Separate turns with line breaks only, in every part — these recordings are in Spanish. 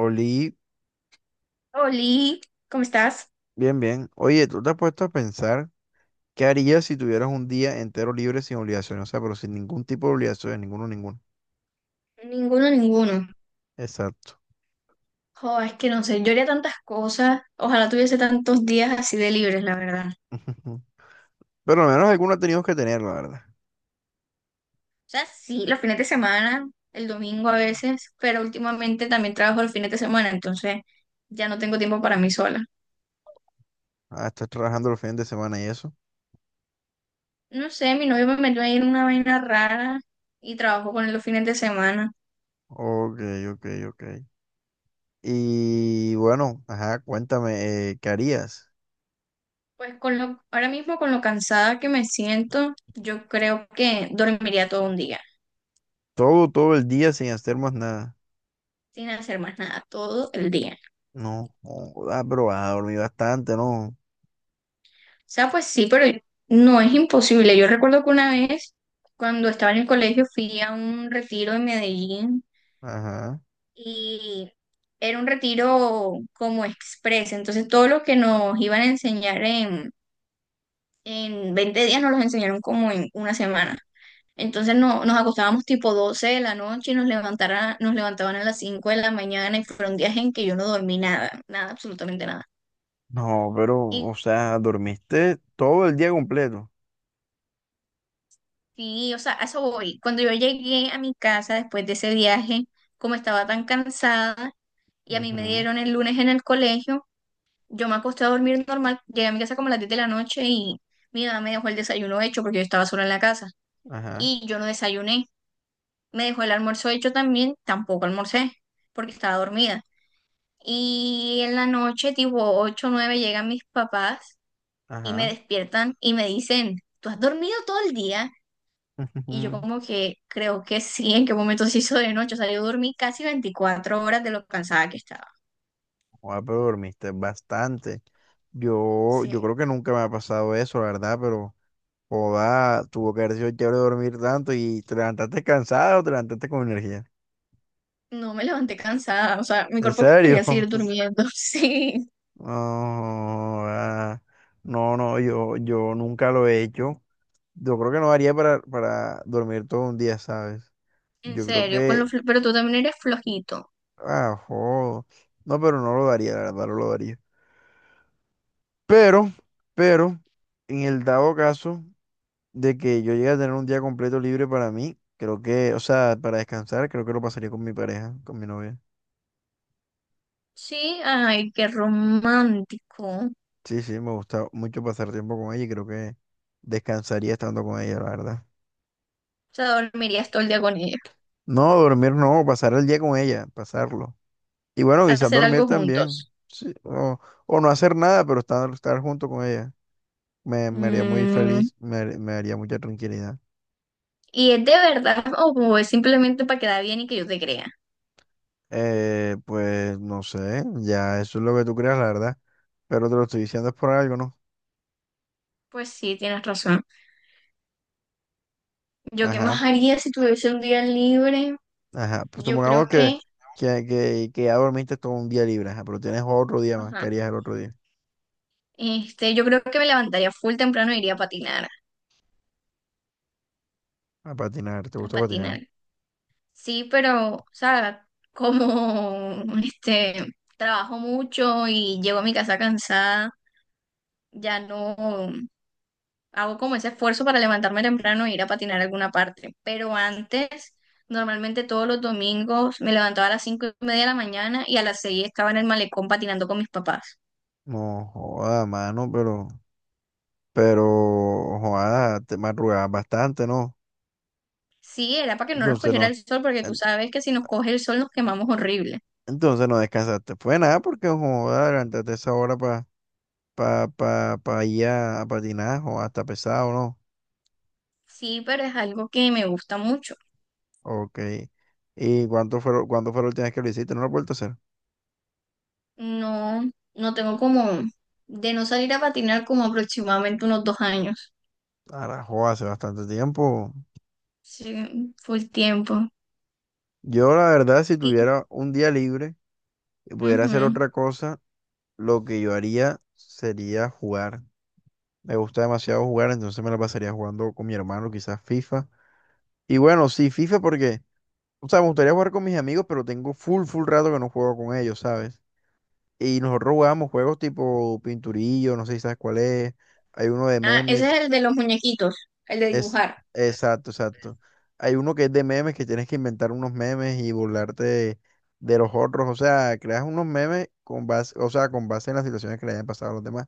Oli,
Oli, ¿cómo estás?
bien. Oye, ¿tú te has puesto a pensar qué harías si tuvieras un día entero libre sin obligaciones? O sea, pero sin ningún tipo de obligaciones, ninguno, ninguno.
Ninguno, ninguno.
Exacto.
Jo, es que no sé, yo haría tantas cosas. Ojalá tuviese tantos días así de libres, la verdad. O
Pero al menos alguna teníamos que tener, la verdad.
sea, sí, los fines de semana, el domingo a veces, pero últimamente también trabajo los fines de semana, entonces ya no tengo tiempo para mí sola.
Ah, estás trabajando los fines de semana y eso.
No sé, mi novio me metió ahí en una vaina rara y trabajo con él los fines de semana.
Ok, ok, ok. Y bueno, ajá, cuéntame, ¿qué harías?
Pues con lo, ahora mismo con lo cansada que me siento, yo creo que dormiría todo un día,
Todo, todo el día sin hacer más nada.
sin hacer más nada, todo el día.
No, joda, pero vas a dormir bastante, ¿no?
O sea, pues sí, pero no es imposible. Yo recuerdo que una vez, cuando estaba en el colegio, fui a un retiro en Medellín
Ajá.
y era un retiro como express. Entonces, todo lo que nos iban a enseñar en 20 días nos los enseñaron como en una semana. Entonces, no, nos acostábamos tipo 12 de la noche y nos levantaban a las 5 de la mañana y fueron días en que yo no dormí nada, nada, absolutamente nada.
No, pero,
Y
o sea, dormiste todo el día completo.
sí, o sea, a eso voy. Cuando yo llegué a mi casa después de ese viaje, como estaba tan cansada y a mí me
Ujú,
dieron el lunes en el colegio, yo me acosté a dormir normal. Llegué a mi casa como a las 10 de la noche y mi mamá me dejó el desayuno hecho porque yo estaba sola en la casa
ajá,
y yo no desayuné. Me dejó el almuerzo hecho también, tampoco almorcé porque estaba dormida. Y en la noche, tipo 8 o 9, llegan mis papás y me
ajá.
despiertan y me dicen, ¿tú has dormido todo el día? Y yo como que creo que sí, en qué momento se hizo de noche. O sea, yo dormí casi 24 horas de lo cansada que estaba.
Joder, pero dormiste bastante. Yo
Sí,
creo que nunca me ha pasado eso, la verdad, pero joda, tuvo que haber sido chévere dormir tanto y te levantaste cansado o te levantaste con energía.
no me levanté cansada. O sea, mi
¿En
cuerpo
serio?
quería seguir durmiendo. Sí,
No, joda. No, no, yo nunca lo he hecho. Yo creo que no haría para dormir todo un día, ¿sabes?
en
Yo creo
serio,
que,
pero tú también eres flojito.
ah, joder. No, pero no lo daría, la verdad, no lo daría. Pero, pero, en el dado caso de que yo llegue a tener un día completo libre para mí, creo que, o sea, para descansar, creo que lo pasaría con mi pareja, con mi novia.
Sí, ay, qué romántico. O
Sí, sí, me gusta mucho pasar tiempo con ella y creo que descansaría estando con ella, la verdad.
sea, dormirías todo el día con ella.
No, dormir no, pasar el día con ella, pasarlo. Y bueno, quizás
Hacer
dormir
algo
también,
juntos.
sí, o no hacer nada, pero estar, estar junto con ella. Me haría muy
Mm,
feliz, me haría mucha tranquilidad.
¿Y es de verdad o es simplemente para quedar bien y que yo te crea?
Pues no sé, ya eso es lo que tú creas, la verdad. Pero te lo estoy diciendo es por algo, ¿no?
Pues sí, tienes razón. ¿Yo qué
Ajá,
más haría si tuviese un día libre?
ajá. Pues
Yo creo
supongamos
que.
que ya dormiste todo un día libre, ajá, pero tienes otro día más. ¿Qué
Ajá.
harías el otro día?
Este, yo creo que me levantaría full temprano e iría a patinar,
A patinar, ¿te
a
gusta patinar?
patinar. Sí, pero, o sea, como este, trabajo mucho y llego a mi casa cansada, ya no hago como ese esfuerzo para levantarme temprano e ir a patinar a alguna parte. Pero antes, normalmente todos los domingos me levantaba a las 5:30 de la mañana y a las 6 estaba en el malecón patinando con mis papás.
No, joda, mano, pero, joda, te madrugabas bastante, ¿no?
Sí, era para que no nos
Entonces
cogiera
no,
el sol, porque tú
en-
sabes que si nos coge el sol nos quemamos horrible.
entonces no descansaste. Fue nada porque, joda, levantaste esa hora para pa, pa, pa pa ir a patinar, o hasta pesado, ¿no?
Sí, pero es algo que me gusta mucho.
Ok. ¿Y cuándo fue la última vez que lo hiciste? ¿No lo has vuelto a hacer?
No, no tengo como de no salir a patinar como aproximadamente unos 2 años.
Carajo, hace bastante tiempo.
Sí, full tiempo.
Yo, la verdad, si
Y,
tuviera un día libre y pudiera hacer
ujú.
otra cosa, lo que yo haría sería jugar. Me gusta demasiado jugar, entonces me la pasaría jugando con mi hermano, quizás FIFA. Y bueno, sí, FIFA porque, o sea, me gustaría jugar con mis amigos, pero tengo full rato que no juego con ellos, ¿sabes? Y nosotros jugábamos juegos tipo Pinturillo, no sé si sabes cuál es. Hay uno de
Ah, ese
memes.
es el de los muñequitos, el de
Es,
dibujar.
exacto, exacto. Hay uno que es de memes, que tienes que inventar unos memes y burlarte de los otros. O sea, creas unos memes con base, o sea, con base en las situaciones que le hayan pasado a los demás.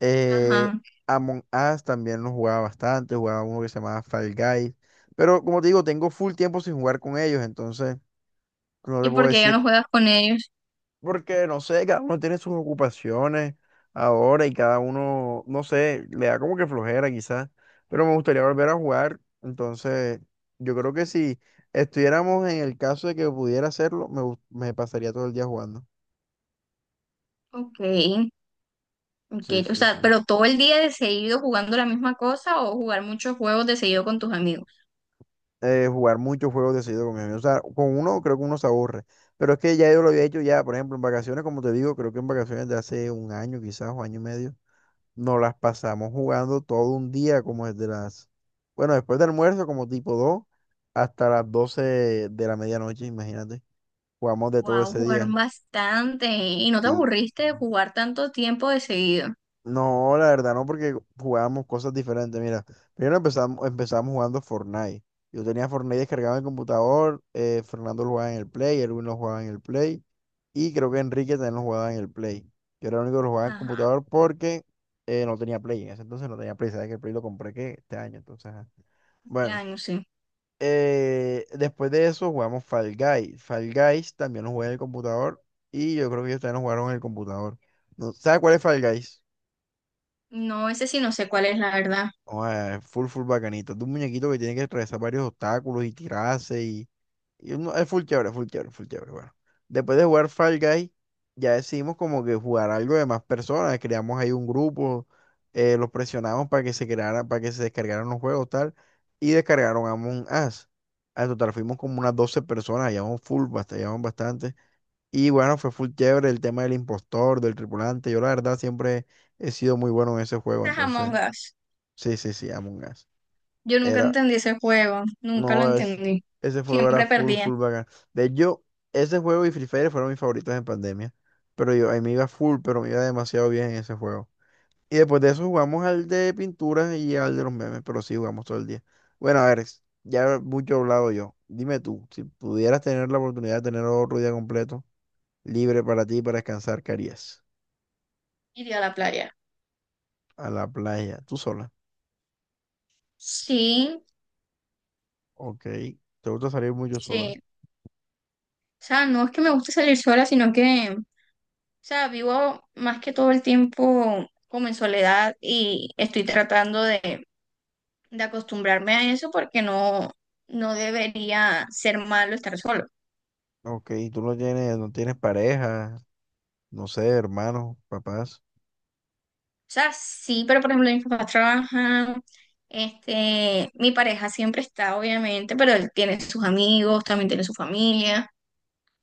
Eh,
Ajá.
Among Us también lo jugaba bastante, jugaba uno que se llamaba Fall Guys. Pero como te digo, tengo full tiempo sin jugar con ellos, entonces no te
¿Y
puedo
por qué ya
decir
no juegas con ellos?
porque, no sé, cada uno tiene sus ocupaciones ahora y cada uno, no sé, le da como que flojera quizás, pero me gustaría volver a jugar. Entonces, yo creo que si estuviéramos en el caso de que pudiera hacerlo, me pasaría todo el día jugando.
Ok, ok.
Sí,
O
sí,
sea,
sí,
pero todo el día de seguido jugando la misma cosa o jugar muchos juegos de seguido con tus amigos.
jugar muchos juegos de seguido con mis amigos. O sea, con uno creo que uno se aburre. Pero es que ya yo lo había hecho ya, por ejemplo, en vacaciones, como te digo, creo que en vacaciones de hace un año quizás o año y medio. Nos las pasamos jugando todo un día, como desde las, bueno, después del almuerzo, como tipo 2 hasta las 12 de la medianoche, imagínate. Jugamos de todo
Wow,
ese
jugaron
día.
bastante. ¿Y no te
Y
aburriste de jugar tanto tiempo de seguido?
no, la verdad, no, porque jugábamos cosas diferentes. Mira, primero empezamos jugando Fortnite. Yo tenía Fortnite descargado en el computador, Fernando lo jugaba en el Play, Erwin lo jugaba en el Play. Y creo que Enrique también lo jugaba en el Play. Yo era el único que lo jugaba en el
Ajá,
computador porque no tenía Play. En ese entonces no tenía Play. Sabes que el Play lo compré que este año. Entonces, ajá.
este
Bueno,
año sí.
después de eso jugamos Fall Guys. Fall Guys también lo jugué en el computador. Y yo creo que ellos también lo jugaron en el computador. No, ¿sabes cuál es Fall Guys?
No, ese sí no sé cuál es la verdad.
Oh, full bacanito. Es de un muñequito que tiene que atravesar varios obstáculos y tirarse. Es full chévere, full chévere, full chévere. Bueno, después de jugar Fall Guy, ya decidimos como que jugar algo de más personas. Creamos ahí un grupo, los presionamos para que se creara para que se descargaran los juegos, tal. Y descargaron Among Us. Al total fuimos como unas 12 personas, llevamos llevamos bastante. Y bueno, fue full chévere el tema del impostor, del tripulante. Yo la verdad siempre he sido muy bueno en ese juego,
Ese es Among
entonces,
Us.
sí, sí, sí, Among Us.
Yo nunca
Era,
entendí ese juego, nunca lo
no, es,
entendí.
ese juego era
Siempre perdía.
full bacán. De hecho, ese juego y Free Fire fueron mis favoritos en pandemia. Pero yo, ahí me iba full, pero me iba demasiado bien en ese juego. Y después de eso jugamos al de pinturas y al de los memes, pero sí jugamos todo el día. Bueno, a ver, ya mucho he hablado yo. Dime tú, si pudieras tener la oportunidad de tener otro día completo, libre para ti, para descansar, ¿qué harías?
Iría a la playa.
A la playa, tú sola.
Sí,
Ok, ¿te gusta salir mucho sola?
sí. O sea, no es que me guste salir sola, sino que, o sea, vivo más que todo el tiempo como en soledad y estoy tratando de acostumbrarme a eso porque no debería ser malo estar sola.
Ok, tú no tienes, no tienes pareja, no sé, hermanos, papás.
O sea, sí, pero por ejemplo, mis papás trabajan, este, mi pareja siempre está, obviamente, pero él tiene sus amigos, también tiene su familia,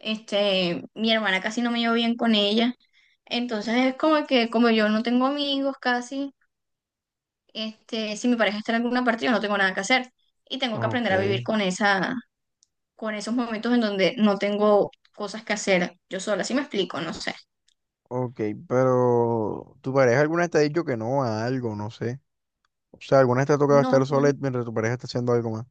este, mi hermana casi no me llevo bien con ella, entonces es como que como yo no tengo amigos casi, este, si mi pareja está en alguna parte, yo no tengo nada que hacer y tengo que
Ok,
aprender a vivir con esa, con esos momentos en donde no tengo cosas que hacer yo sola, ¿si me explico? No sé.
ok, pero tu pareja alguna vez te ha dicho que no a algo, no sé. O sea, alguna vez te ha tocado estar
No,
sola mientras tu pareja está haciendo algo más.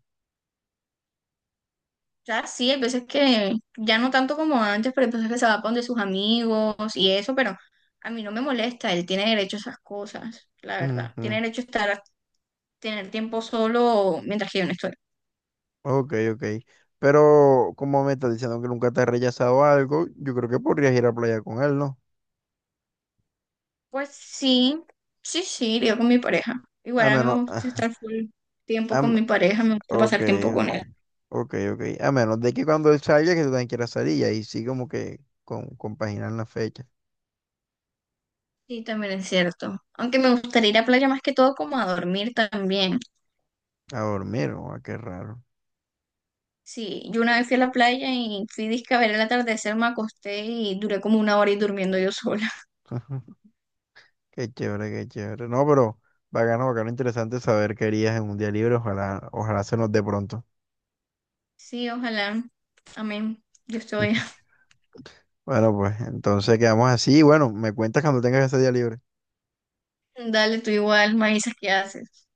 sea, sí, hay veces que ya no tanto como antes, pero hay veces que se va con de sus amigos y eso, pero a mí no me molesta, él tiene derecho a esas cosas, la verdad. Tiene
Ujú,
derecho a estar, a tener tiempo solo mientras que yo no estoy.
ok, ok. Pero como me estás diciendo que nunca te ha rechazado algo, yo creo que podrías ir a playa con él, ¿no?
Pues sí, sí, sí, iría con mi pareja. Igual
A
a mí me
menos,
gusta estar full
a
tiempo con
m-
mi pareja, me gusta
ok,
pasar tiempo
ok,
con él.
ok, ok. A menos de que cuando él salga, que tú también quieras salir y ahí sí como que compaginar la fecha.
Sí, también es cierto. Aunque me gustaría ir a playa más que todo como a dormir también.
A dormir, o a qué raro.
Sí, yo una vez fui a la playa y fui disque a ver el atardecer, me acosté y duré como una hora y durmiendo yo sola.
Qué chévere, qué chévere. No, pero bacano, bacano, interesante saber qué harías en un día libre. Ojalá, ojalá se nos dé pronto.
Sí, ojalá. Amén. Yo estoy.
Bueno, pues entonces quedamos así. Bueno, me cuentas cuando tengas ese día libre.
Dale, tú igual, me avisas qué haces.